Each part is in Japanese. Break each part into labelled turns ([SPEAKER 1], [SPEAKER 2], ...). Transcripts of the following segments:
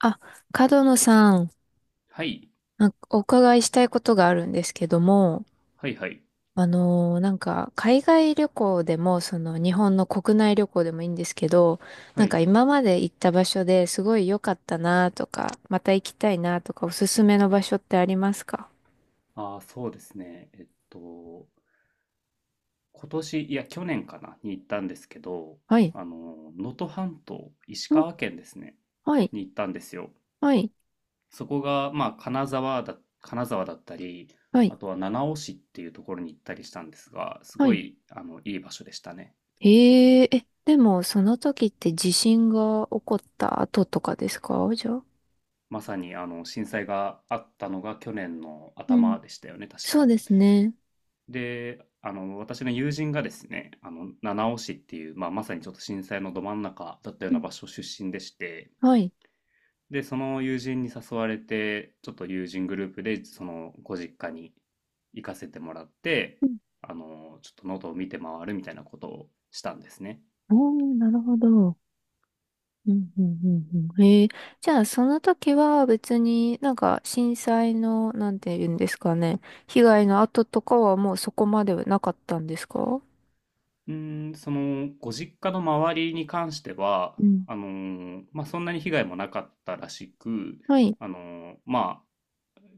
[SPEAKER 1] あ、角野さん、
[SPEAKER 2] はい。
[SPEAKER 1] なんかお伺いしたいことがあるんですけども、
[SPEAKER 2] はいはい。
[SPEAKER 1] 海外旅行でも、その、日本の国内旅行でもいいんですけど、
[SPEAKER 2] は
[SPEAKER 1] なんか
[SPEAKER 2] い。
[SPEAKER 1] 今まで行った場所ですごい良かったなとか、また行きたいなとか、おすすめの場所ってありますか？
[SPEAKER 2] ああ、そうですね。今年、いや、去年かな、に行ったんですけど、
[SPEAKER 1] はい。
[SPEAKER 2] 能登半島、石
[SPEAKER 1] お
[SPEAKER 2] 川県ですね、
[SPEAKER 1] はい。
[SPEAKER 2] に行ったんですよ。
[SPEAKER 1] はい。
[SPEAKER 2] そこが、まあ、金沢だったり、
[SPEAKER 1] はい。
[SPEAKER 2] あとは七尾市っていうところに行ったりしたんですが、す
[SPEAKER 1] は
[SPEAKER 2] ご
[SPEAKER 1] い。
[SPEAKER 2] い、いい場所でしたね。
[SPEAKER 1] へえ、え、でも、その時って地震が起こった後とかですかじゃあ。
[SPEAKER 2] まさに、震災があったのが去年の
[SPEAKER 1] うん。
[SPEAKER 2] 頭でしたよね、確
[SPEAKER 1] そう
[SPEAKER 2] か。
[SPEAKER 1] ですね。
[SPEAKER 2] で、私の友人がですね、七尾市っていう、まあ、まさにちょっと震災のど真ん中だったよう
[SPEAKER 1] う
[SPEAKER 2] な
[SPEAKER 1] ん。
[SPEAKER 2] 場所出身でして、
[SPEAKER 1] はい。
[SPEAKER 2] で、その友人に誘われて、ちょっと友人グループで、その、ご実家に行かせてもらって、ちょっと喉を見て回るみたいなことをしたんですね。
[SPEAKER 1] おー、なるほど。うんうん、へえー。じゃあ、その時は別になんか震災の、なんて言うんですかね。被害の後とかはもうそこまではなかったんですか？
[SPEAKER 2] その、ご実家の周りに関しては、
[SPEAKER 1] うん。
[SPEAKER 2] まあ、そんなに被害もなかったらしく、
[SPEAKER 1] はい。
[SPEAKER 2] あの、ま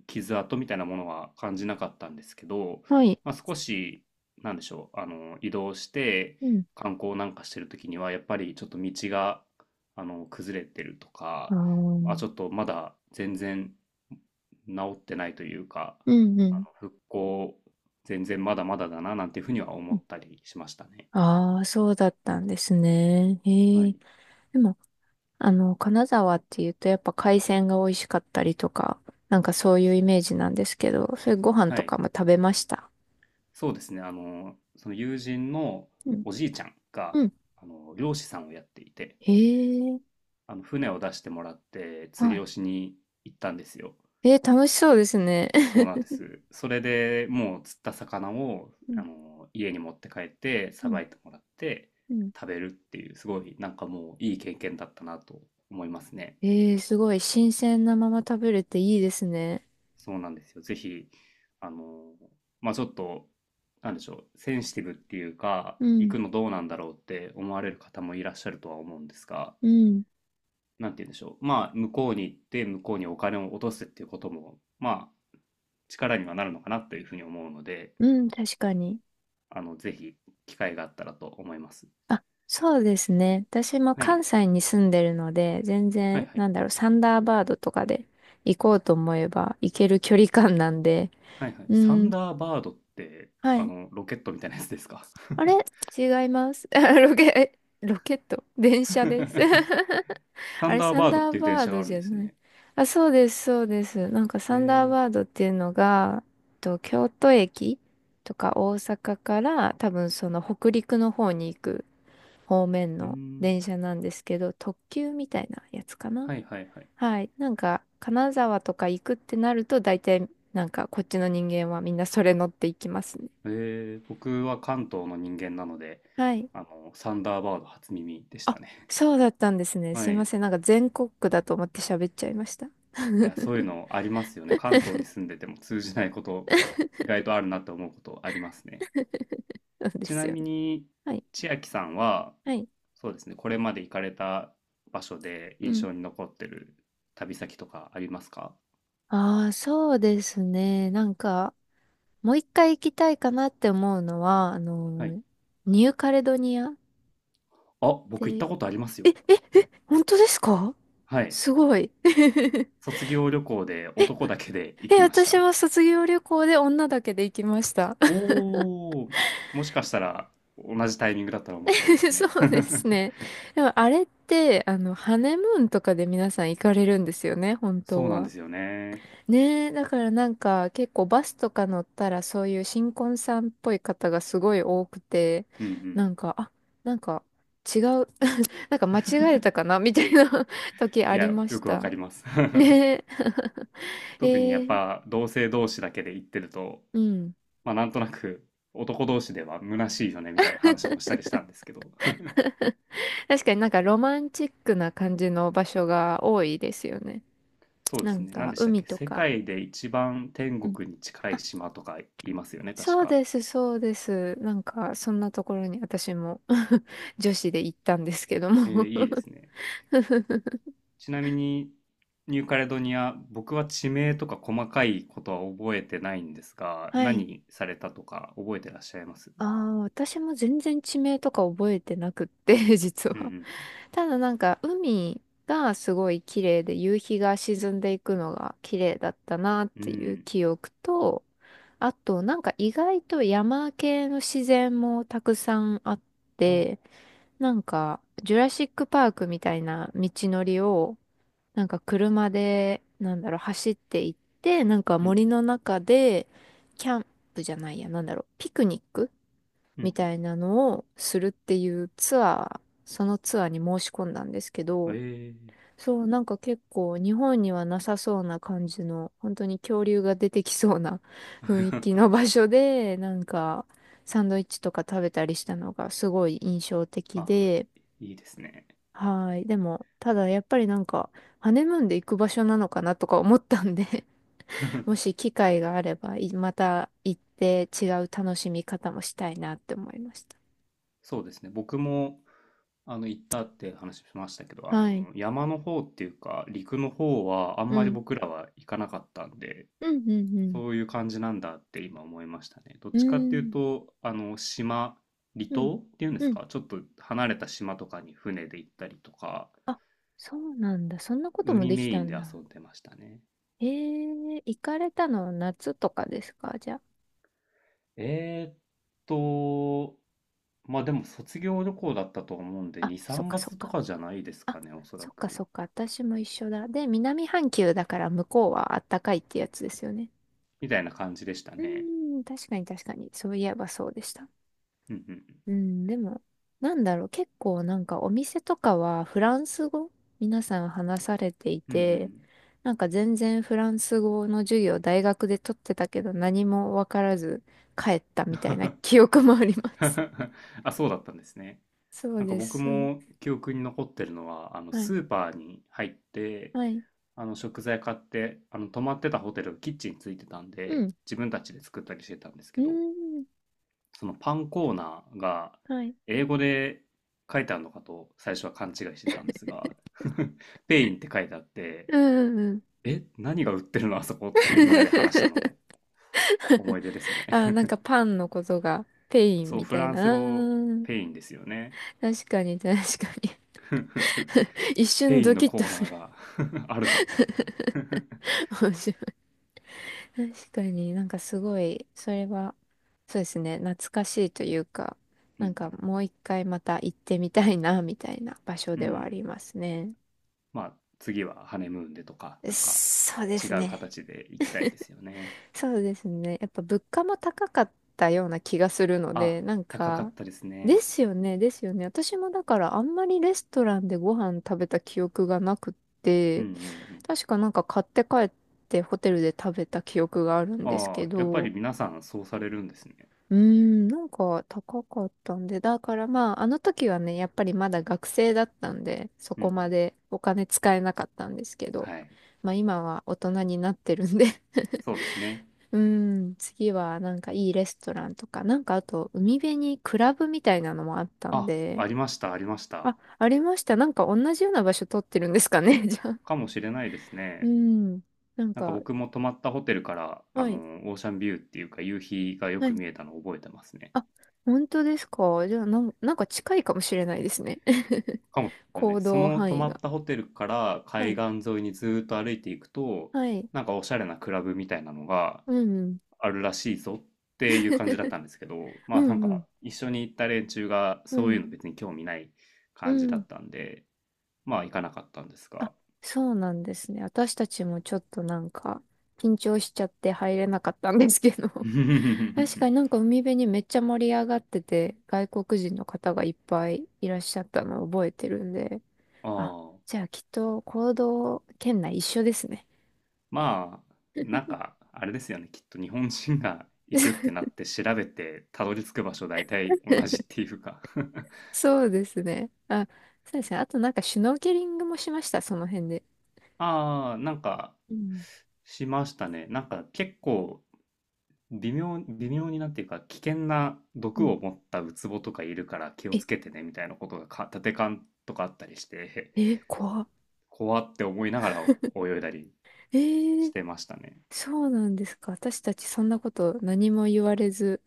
[SPEAKER 2] 傷跡みたいなものは感じなかったんですけど、
[SPEAKER 1] はい。
[SPEAKER 2] まあ、少し、なんでしょう、移動して
[SPEAKER 1] うん。
[SPEAKER 2] 観光なんかしてる時には、やっぱりちょっと道が、崩れてると
[SPEAKER 1] あ
[SPEAKER 2] か、
[SPEAKER 1] あ。
[SPEAKER 2] ちょ
[SPEAKER 1] う
[SPEAKER 2] っとまだ全然治ってないというか、
[SPEAKER 1] んうん。
[SPEAKER 2] 復興、全然まだまだだな、なんていうふうには思ったりしましたね。
[SPEAKER 1] ああ、そうだったんですね。
[SPEAKER 2] は
[SPEAKER 1] へえ。
[SPEAKER 2] い。
[SPEAKER 1] でも、あの、金沢っていうとやっぱ海鮮が美味しかったりとか、なんかそういうイメージなんですけど、それご飯
[SPEAKER 2] は
[SPEAKER 1] と
[SPEAKER 2] い。
[SPEAKER 1] かも食べました。
[SPEAKER 2] そうですね。その友人の
[SPEAKER 1] うん。
[SPEAKER 2] おじいちゃんが、
[SPEAKER 1] うん。
[SPEAKER 2] 漁師さんをやっていて、
[SPEAKER 1] へえ。
[SPEAKER 2] 船を出してもらって釣
[SPEAKER 1] は
[SPEAKER 2] りを
[SPEAKER 1] い
[SPEAKER 2] しに行ったんですよ。
[SPEAKER 1] えー、楽しそうですね。
[SPEAKER 2] そう なんです。それでもう釣った魚を
[SPEAKER 1] う
[SPEAKER 2] あ
[SPEAKER 1] ん、
[SPEAKER 2] の家に持って帰って
[SPEAKER 1] う
[SPEAKER 2] さ
[SPEAKER 1] ん、
[SPEAKER 2] ばいてもらって
[SPEAKER 1] うん、
[SPEAKER 2] 食べるっていうすごい、なんかもういい経験だったなと思いますね。
[SPEAKER 1] えー、すごい。新鮮なまま食べれていいですね。
[SPEAKER 2] そうなんですよ。ぜひ、あのまあちょっと、なんでしょう、センシティブっていうか
[SPEAKER 1] う
[SPEAKER 2] 行
[SPEAKER 1] ん、
[SPEAKER 2] くのどうなんだろうって思われる方もいらっしゃるとは思うんですが。
[SPEAKER 1] うん。
[SPEAKER 2] なんて言うんでしょう、まあ、向こうに行って、向こうにお金を落とすっていうことも、まあ、力にはなるのかなというふうに思うので、
[SPEAKER 1] うん、確かに。
[SPEAKER 2] ぜひ、機会があったらと思います。
[SPEAKER 1] あ、そうですね。私も
[SPEAKER 2] はい。
[SPEAKER 1] 関西に住んでるので、全
[SPEAKER 2] はい
[SPEAKER 1] 然、
[SPEAKER 2] はい。
[SPEAKER 1] なんだろう、サンダーバードとかで行こうと思えば行ける距離感なんで、
[SPEAKER 2] はいはい。
[SPEAKER 1] う
[SPEAKER 2] サン
[SPEAKER 1] ん、
[SPEAKER 2] ダーバードって、
[SPEAKER 1] はい。
[SPEAKER 2] ロケットみたいなやつですか？
[SPEAKER 1] あれ違います。ロケ、えロケット電車です。
[SPEAKER 2] サ
[SPEAKER 1] あ
[SPEAKER 2] ン
[SPEAKER 1] れ、
[SPEAKER 2] ダー
[SPEAKER 1] サン
[SPEAKER 2] バードっ
[SPEAKER 1] ダー
[SPEAKER 2] ていう電
[SPEAKER 1] バー
[SPEAKER 2] 車が
[SPEAKER 1] ド
[SPEAKER 2] ある
[SPEAKER 1] じ
[SPEAKER 2] ん
[SPEAKER 1] ゃ
[SPEAKER 2] です
[SPEAKER 1] ない。
[SPEAKER 2] ね。
[SPEAKER 1] あ、そうです、そうです。なんかサンダー
[SPEAKER 2] え
[SPEAKER 1] バードっていうのが、京都駅とか大阪から多分その北陸の方に行く方面
[SPEAKER 2] ー、うー
[SPEAKER 1] の
[SPEAKER 2] ん。
[SPEAKER 1] 電車なんですけど、特急みたいなやつかな。
[SPEAKER 2] はいはいはい。
[SPEAKER 1] はい。なんか、金沢とか行くってなると、大体、なんかこっちの人間はみんなそれ乗っていきますね。
[SPEAKER 2] え僕は関東の人間なので、
[SPEAKER 1] はい。
[SPEAKER 2] サンダーバード初耳でした
[SPEAKER 1] あ、
[SPEAKER 2] ね。
[SPEAKER 1] そうだったんですね。す
[SPEAKER 2] は
[SPEAKER 1] い
[SPEAKER 2] い。
[SPEAKER 1] ま
[SPEAKER 2] い
[SPEAKER 1] せん。なんか全国区だと思って喋っちゃいました。
[SPEAKER 2] や、そういう のありますよね。関東に住んでても通じないこと、意外とあるなって思うことありますね。
[SPEAKER 1] そうで
[SPEAKER 2] ち
[SPEAKER 1] す
[SPEAKER 2] な
[SPEAKER 1] よ
[SPEAKER 2] み
[SPEAKER 1] ね。
[SPEAKER 2] に
[SPEAKER 1] はい。
[SPEAKER 2] 千秋さんは、
[SPEAKER 1] はい。
[SPEAKER 2] そうですね、これまで行かれた場所で
[SPEAKER 1] う
[SPEAKER 2] 印
[SPEAKER 1] ん。
[SPEAKER 2] 象に残ってる旅先とかありますか？
[SPEAKER 1] ああ、そうですね。なんか、もう一回行きたいかなって思うのは、
[SPEAKER 2] はい。
[SPEAKER 1] ニューカレドニアっ
[SPEAKER 2] あ、
[SPEAKER 1] て、
[SPEAKER 2] 僕行ったことありますよ。
[SPEAKER 1] 本当ですか？
[SPEAKER 2] はい。
[SPEAKER 1] すごい。
[SPEAKER 2] 卒業旅行で男だけで行
[SPEAKER 1] え、
[SPEAKER 2] きまし
[SPEAKER 1] 私
[SPEAKER 2] た。
[SPEAKER 1] は卒業旅行で女だけで行きました。
[SPEAKER 2] おお、もしかしたら同じタイミングだったら面白いで すね。
[SPEAKER 1] そうですね。でもあれって、あの、ハネムーンとかで皆さん行かれるんですよね、本
[SPEAKER 2] そ
[SPEAKER 1] 当
[SPEAKER 2] うなんで
[SPEAKER 1] は。
[SPEAKER 2] すよね。
[SPEAKER 1] ねえ、だからなんか結構バスとか乗ったらそういう新婚さんっぽい方がすごい多くて、
[SPEAKER 2] うん、う
[SPEAKER 1] な
[SPEAKER 2] ん。
[SPEAKER 1] んか、あ、なんか違う、なんか間違えたかなみたいな 時あ
[SPEAKER 2] い
[SPEAKER 1] り
[SPEAKER 2] や、
[SPEAKER 1] まし
[SPEAKER 2] よくわか
[SPEAKER 1] た。
[SPEAKER 2] ります。
[SPEAKER 1] ねえ。え
[SPEAKER 2] 特にやっ
[SPEAKER 1] ー
[SPEAKER 2] ぱ同性同士だけで行ってると、
[SPEAKER 1] うん。
[SPEAKER 2] まあ、なんとなく男同士では虚しいよねみたいな話もしたりしたんですけど。
[SPEAKER 1] 確かになんかロマンチックな感じの場所が多いですよね。
[SPEAKER 2] そうで
[SPEAKER 1] な
[SPEAKER 2] す
[SPEAKER 1] ん
[SPEAKER 2] ね、何
[SPEAKER 1] か
[SPEAKER 2] でしたっ
[SPEAKER 1] 海
[SPEAKER 2] け、
[SPEAKER 1] と
[SPEAKER 2] 世
[SPEAKER 1] か。
[SPEAKER 2] 界で一番天
[SPEAKER 1] うん
[SPEAKER 2] 国に近い
[SPEAKER 1] あ、
[SPEAKER 2] 島とか言いますよね、確
[SPEAKER 1] そう
[SPEAKER 2] か。
[SPEAKER 1] です、そうです。なんかそんなところに私も 女子で行ったんですけど
[SPEAKER 2] えー、
[SPEAKER 1] も
[SPEAKER 2] いいですね。ちなみにニューカレドニア、僕は地名とか細かいことは覚えてないんです が、
[SPEAKER 1] はい。
[SPEAKER 2] 何されたとか覚えてらっしゃいます？
[SPEAKER 1] ああ、私も全然地名とか覚えてなくって、実
[SPEAKER 2] う
[SPEAKER 1] は。
[SPEAKER 2] ん
[SPEAKER 1] ただなんか、海がすごい綺麗で、夕日が沈んでいくのが綺麗だったなっ
[SPEAKER 2] うんう
[SPEAKER 1] ていう
[SPEAKER 2] ん。
[SPEAKER 1] 記憶と、あとなんか意外と山系の自然もたくさんあっ
[SPEAKER 2] あ、
[SPEAKER 1] て、なんか、ジュラシックパークみたいな道のりを、なんか車で、なんだろう、走っていって、なんか
[SPEAKER 2] うん
[SPEAKER 1] 森の中で、キャンプじゃないや、なんだろう、ピクニック
[SPEAKER 2] うんう
[SPEAKER 1] みた
[SPEAKER 2] ん。
[SPEAKER 1] いなのをするっていうツアー、そのツアーに申し込んだんですけ
[SPEAKER 2] うん、
[SPEAKER 1] ど、
[SPEAKER 2] ええー。
[SPEAKER 1] そう、なんか結構日本にはなさそうな感じの、本当に恐竜が出てきそうな 雰囲気の場所で、なんかサンドイッチとか食べたりしたのがすごい印象 的
[SPEAKER 2] あ、
[SPEAKER 1] で、
[SPEAKER 2] いいですね。
[SPEAKER 1] はい。でも、ただやっぱりなんか、ハネムーンで行く場所なのかなとか思ったんで も し機会があれば、いまた行って違う楽しみ方もしたいなって思いました。
[SPEAKER 2] そうですね。僕も、行ったって話しましたけど、
[SPEAKER 1] はい。
[SPEAKER 2] 山の方っていうか、陸の方は、あん
[SPEAKER 1] う
[SPEAKER 2] まり
[SPEAKER 1] ん。
[SPEAKER 2] 僕らは行かなかったんで、
[SPEAKER 1] うん、うん、
[SPEAKER 2] そういう感じなんだって今思いましたね。どっ
[SPEAKER 1] うん。
[SPEAKER 2] ちかって
[SPEAKER 1] う
[SPEAKER 2] いう
[SPEAKER 1] ーん、
[SPEAKER 2] と、島、離
[SPEAKER 1] うん、
[SPEAKER 2] 島っていうんで
[SPEAKER 1] う
[SPEAKER 2] す
[SPEAKER 1] ん。
[SPEAKER 2] か、ちょっと離れた島とかに船で行ったりとか、
[SPEAKER 1] あ、そうなんだ。そんなことも
[SPEAKER 2] 海
[SPEAKER 1] でき
[SPEAKER 2] メイ
[SPEAKER 1] た
[SPEAKER 2] ン
[SPEAKER 1] ん
[SPEAKER 2] で
[SPEAKER 1] だ。
[SPEAKER 2] 遊んでましたね。
[SPEAKER 1] えー、行かれたのは夏とかですかじゃあ。
[SPEAKER 2] えーっと、まあでも卒業旅行だったと思うんで、
[SPEAKER 1] あ、
[SPEAKER 2] 2、
[SPEAKER 1] そっ
[SPEAKER 2] 3
[SPEAKER 1] かそっ
[SPEAKER 2] 月と
[SPEAKER 1] か。
[SPEAKER 2] かじゃないです
[SPEAKER 1] あ、
[SPEAKER 2] かね、おそら
[SPEAKER 1] そっか
[SPEAKER 2] く。
[SPEAKER 1] そっか。私も一緒だ。で、南半球だから向こうはあったかいってやつですよね。
[SPEAKER 2] みたいな感じでした
[SPEAKER 1] う
[SPEAKER 2] ね。
[SPEAKER 1] ーん、確かに確かに。そういえばそうでした。
[SPEAKER 2] うんうん。
[SPEAKER 1] うん、でも、なんだろう、結構なんかお店とかはフランス語皆さん話されてい
[SPEAKER 2] うんう
[SPEAKER 1] て、
[SPEAKER 2] ん。
[SPEAKER 1] なんか全然フランス語の授業大学で取ってたけど何もわからず帰ったみたいな記 憶もあります。
[SPEAKER 2] あ、そうだったんですね。
[SPEAKER 1] そう
[SPEAKER 2] なんか
[SPEAKER 1] で
[SPEAKER 2] 僕
[SPEAKER 1] す。
[SPEAKER 2] も記憶に残ってるのは、
[SPEAKER 1] はい。
[SPEAKER 2] スーパーに入って、
[SPEAKER 1] はい。
[SPEAKER 2] 食材買って、泊まってたホテルがキッチンついてたん
[SPEAKER 1] う
[SPEAKER 2] で、
[SPEAKER 1] ん。
[SPEAKER 2] 自分たちで作ったりしてたんです
[SPEAKER 1] う
[SPEAKER 2] けど、
[SPEAKER 1] ーん。
[SPEAKER 2] そのパンコーナーが
[SPEAKER 1] はい。
[SPEAKER 2] 英語で書いてあるのかと最初は勘違いしてたんですが、ペインって書いてあって、
[SPEAKER 1] うんうんうん。
[SPEAKER 2] え、何が売ってるのあそこってみんなで話したのを 思い出ですね。
[SPEAKER 1] あ、なん かパンのことがペイン
[SPEAKER 2] そう、
[SPEAKER 1] み
[SPEAKER 2] フ
[SPEAKER 1] たい
[SPEAKER 2] ラン
[SPEAKER 1] な。
[SPEAKER 2] ス
[SPEAKER 1] あ
[SPEAKER 2] 語ペ
[SPEAKER 1] ー
[SPEAKER 2] インですよね。
[SPEAKER 1] 確かに確かに 一瞬
[SPEAKER 2] ペイン
[SPEAKER 1] ド
[SPEAKER 2] の
[SPEAKER 1] キッと
[SPEAKER 2] コー
[SPEAKER 1] す
[SPEAKER 2] ナー
[SPEAKER 1] る。
[SPEAKER 2] が あるぞって言って。
[SPEAKER 1] 確かになんかすごい、それは、そうですね、懐かしいというか、
[SPEAKER 2] う
[SPEAKER 1] なん
[SPEAKER 2] ん
[SPEAKER 1] かもう一回また行ってみたいな、みたいな場所
[SPEAKER 2] うん。う
[SPEAKER 1] ではあ
[SPEAKER 2] ん。
[SPEAKER 1] りますね。
[SPEAKER 2] まあ、次はハネムーンでとか、なんか
[SPEAKER 1] そうで
[SPEAKER 2] 違
[SPEAKER 1] す
[SPEAKER 2] う
[SPEAKER 1] ね。
[SPEAKER 2] 形で行きたいですよね。
[SPEAKER 1] そうですね。やっぱ物価も高かったような気がするの
[SPEAKER 2] あ、
[SPEAKER 1] で、なん
[SPEAKER 2] 高か
[SPEAKER 1] か、
[SPEAKER 2] ったです
[SPEAKER 1] で
[SPEAKER 2] ね。
[SPEAKER 1] すよね、ですよね。私もだからあんまりレストランでご飯食べた記憶がなくっ
[SPEAKER 2] うん
[SPEAKER 1] て、
[SPEAKER 2] うんうん。
[SPEAKER 1] 確かなんか買って帰ってホテルで食べた記憶があるんです
[SPEAKER 2] あ
[SPEAKER 1] け
[SPEAKER 2] あ、やっぱり
[SPEAKER 1] ど、
[SPEAKER 2] 皆さんそうされるんですね。
[SPEAKER 1] うーん、なんか高かったんで、だからまあ、あの時はね、やっぱりまだ学生だったんで、そ
[SPEAKER 2] うんう
[SPEAKER 1] こ
[SPEAKER 2] ん。
[SPEAKER 1] までお金使えなかったんですけど、
[SPEAKER 2] はい。
[SPEAKER 1] まあ今は大人になってるんで
[SPEAKER 2] そうですね。
[SPEAKER 1] うーん、次はなんかいいレストランとか、なんかあと海辺にクラブみたいなのもあったん
[SPEAKER 2] あ、
[SPEAKER 1] で、
[SPEAKER 2] ありました、ありました。
[SPEAKER 1] あ、ありました。なんか同じような場所取ってるんですかね、じゃあ。
[SPEAKER 2] かもしれないです
[SPEAKER 1] うー
[SPEAKER 2] ね。
[SPEAKER 1] ん、なん
[SPEAKER 2] なんか
[SPEAKER 1] か、
[SPEAKER 2] 僕も泊まったホテルから、
[SPEAKER 1] はい。
[SPEAKER 2] オーシャンビューっていうか夕日がよ
[SPEAKER 1] は
[SPEAKER 2] く
[SPEAKER 1] い
[SPEAKER 2] 見えたのを覚えてますね。
[SPEAKER 1] あ、本当ですかじゃあ、なん、なんか近いかもしれないですね。
[SPEAKER 2] かもしれな
[SPEAKER 1] 行
[SPEAKER 2] い。そ
[SPEAKER 1] 動
[SPEAKER 2] の
[SPEAKER 1] 範
[SPEAKER 2] 泊
[SPEAKER 1] 囲
[SPEAKER 2] まっ
[SPEAKER 1] が。
[SPEAKER 2] たホテルから
[SPEAKER 1] は
[SPEAKER 2] 海
[SPEAKER 1] い。
[SPEAKER 2] 岸沿いにずーっと歩いていくと、
[SPEAKER 1] はい。
[SPEAKER 2] なんかおしゃれなクラブみたいなのが
[SPEAKER 1] うんうん。
[SPEAKER 2] あるらしいぞっていう感じだっ たんですけど、ま
[SPEAKER 1] う
[SPEAKER 2] あなん
[SPEAKER 1] んう
[SPEAKER 2] か
[SPEAKER 1] ん。
[SPEAKER 2] 一緒に行った連中が
[SPEAKER 1] う
[SPEAKER 2] そうい
[SPEAKER 1] ん。
[SPEAKER 2] うの別に興味ない
[SPEAKER 1] う
[SPEAKER 2] 感じだ
[SPEAKER 1] ん。
[SPEAKER 2] ったんで、まあ行かなかったんですが。
[SPEAKER 1] あ、そうなんですね。私たちもちょっとなんか、緊張しちゃって入れなかったんですけど。確かになんか海辺にめっちゃ盛り上がってて、外国人の方がいっぱいいらっしゃったのを覚えてるんで。
[SPEAKER 2] あ
[SPEAKER 1] あ、
[SPEAKER 2] あ、
[SPEAKER 1] じゃあきっと行動圏内一緒ですね。
[SPEAKER 2] まあ、なんかあれですよね。きっと日本人が行くっ てなって調べてたどり着く場所大体同じっていうか。
[SPEAKER 1] そうですね。あ、そうですね。あとなんかシュノーケリングもしました、その辺で。
[SPEAKER 2] ああ、なんか、
[SPEAKER 1] うん。
[SPEAKER 2] しましたね。なんか結構微妙になっていうか、危険な
[SPEAKER 1] う
[SPEAKER 2] 毒
[SPEAKER 1] ん。
[SPEAKER 2] を持ったウツボとかいるから気を
[SPEAKER 1] え、
[SPEAKER 2] つけてね、みたいなことがか、立て看とかあったりして、
[SPEAKER 1] え、怖っ。
[SPEAKER 2] 怖って思いながら泳いだり
[SPEAKER 1] え
[SPEAKER 2] し
[SPEAKER 1] ー、
[SPEAKER 2] てましたね。
[SPEAKER 1] そうなんですか。私たちそんなこと何も言われず、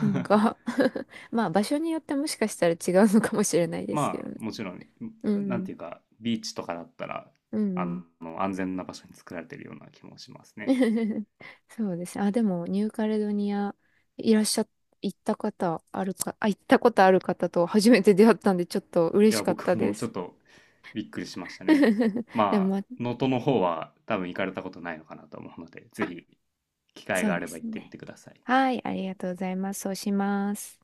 [SPEAKER 1] なんか まあ場所によってもしかしたら違うのかもしれないですけ
[SPEAKER 2] ま
[SPEAKER 1] ど
[SPEAKER 2] あ、
[SPEAKER 1] ね。
[SPEAKER 2] もちろん、
[SPEAKER 1] う
[SPEAKER 2] なん
[SPEAKER 1] ん。
[SPEAKER 2] ていうか、ビーチとかだったら、
[SPEAKER 1] う
[SPEAKER 2] あ
[SPEAKER 1] ん。
[SPEAKER 2] 安全な場所に作られてるような気もします
[SPEAKER 1] う
[SPEAKER 2] ね。
[SPEAKER 1] んそうですね。あ、でもニューカレドニアいらっしゃ、行った方あるか、あ、行ったことある方と初めて出会ったんでちょっと
[SPEAKER 2] い
[SPEAKER 1] 嬉し
[SPEAKER 2] や、
[SPEAKER 1] かった
[SPEAKER 2] 僕
[SPEAKER 1] で
[SPEAKER 2] もちょ
[SPEAKER 1] す。
[SPEAKER 2] っとびっくりしましたね。
[SPEAKER 1] でも
[SPEAKER 2] まあ、
[SPEAKER 1] まあ
[SPEAKER 2] 能登の方は多分行かれたことないのかなと思うので、ぜひ機会
[SPEAKER 1] そ
[SPEAKER 2] が
[SPEAKER 1] う
[SPEAKER 2] あ
[SPEAKER 1] で
[SPEAKER 2] れば
[SPEAKER 1] す
[SPEAKER 2] 行ってみ
[SPEAKER 1] ね。
[SPEAKER 2] てください。
[SPEAKER 1] はい、ありがとうございます。そうします。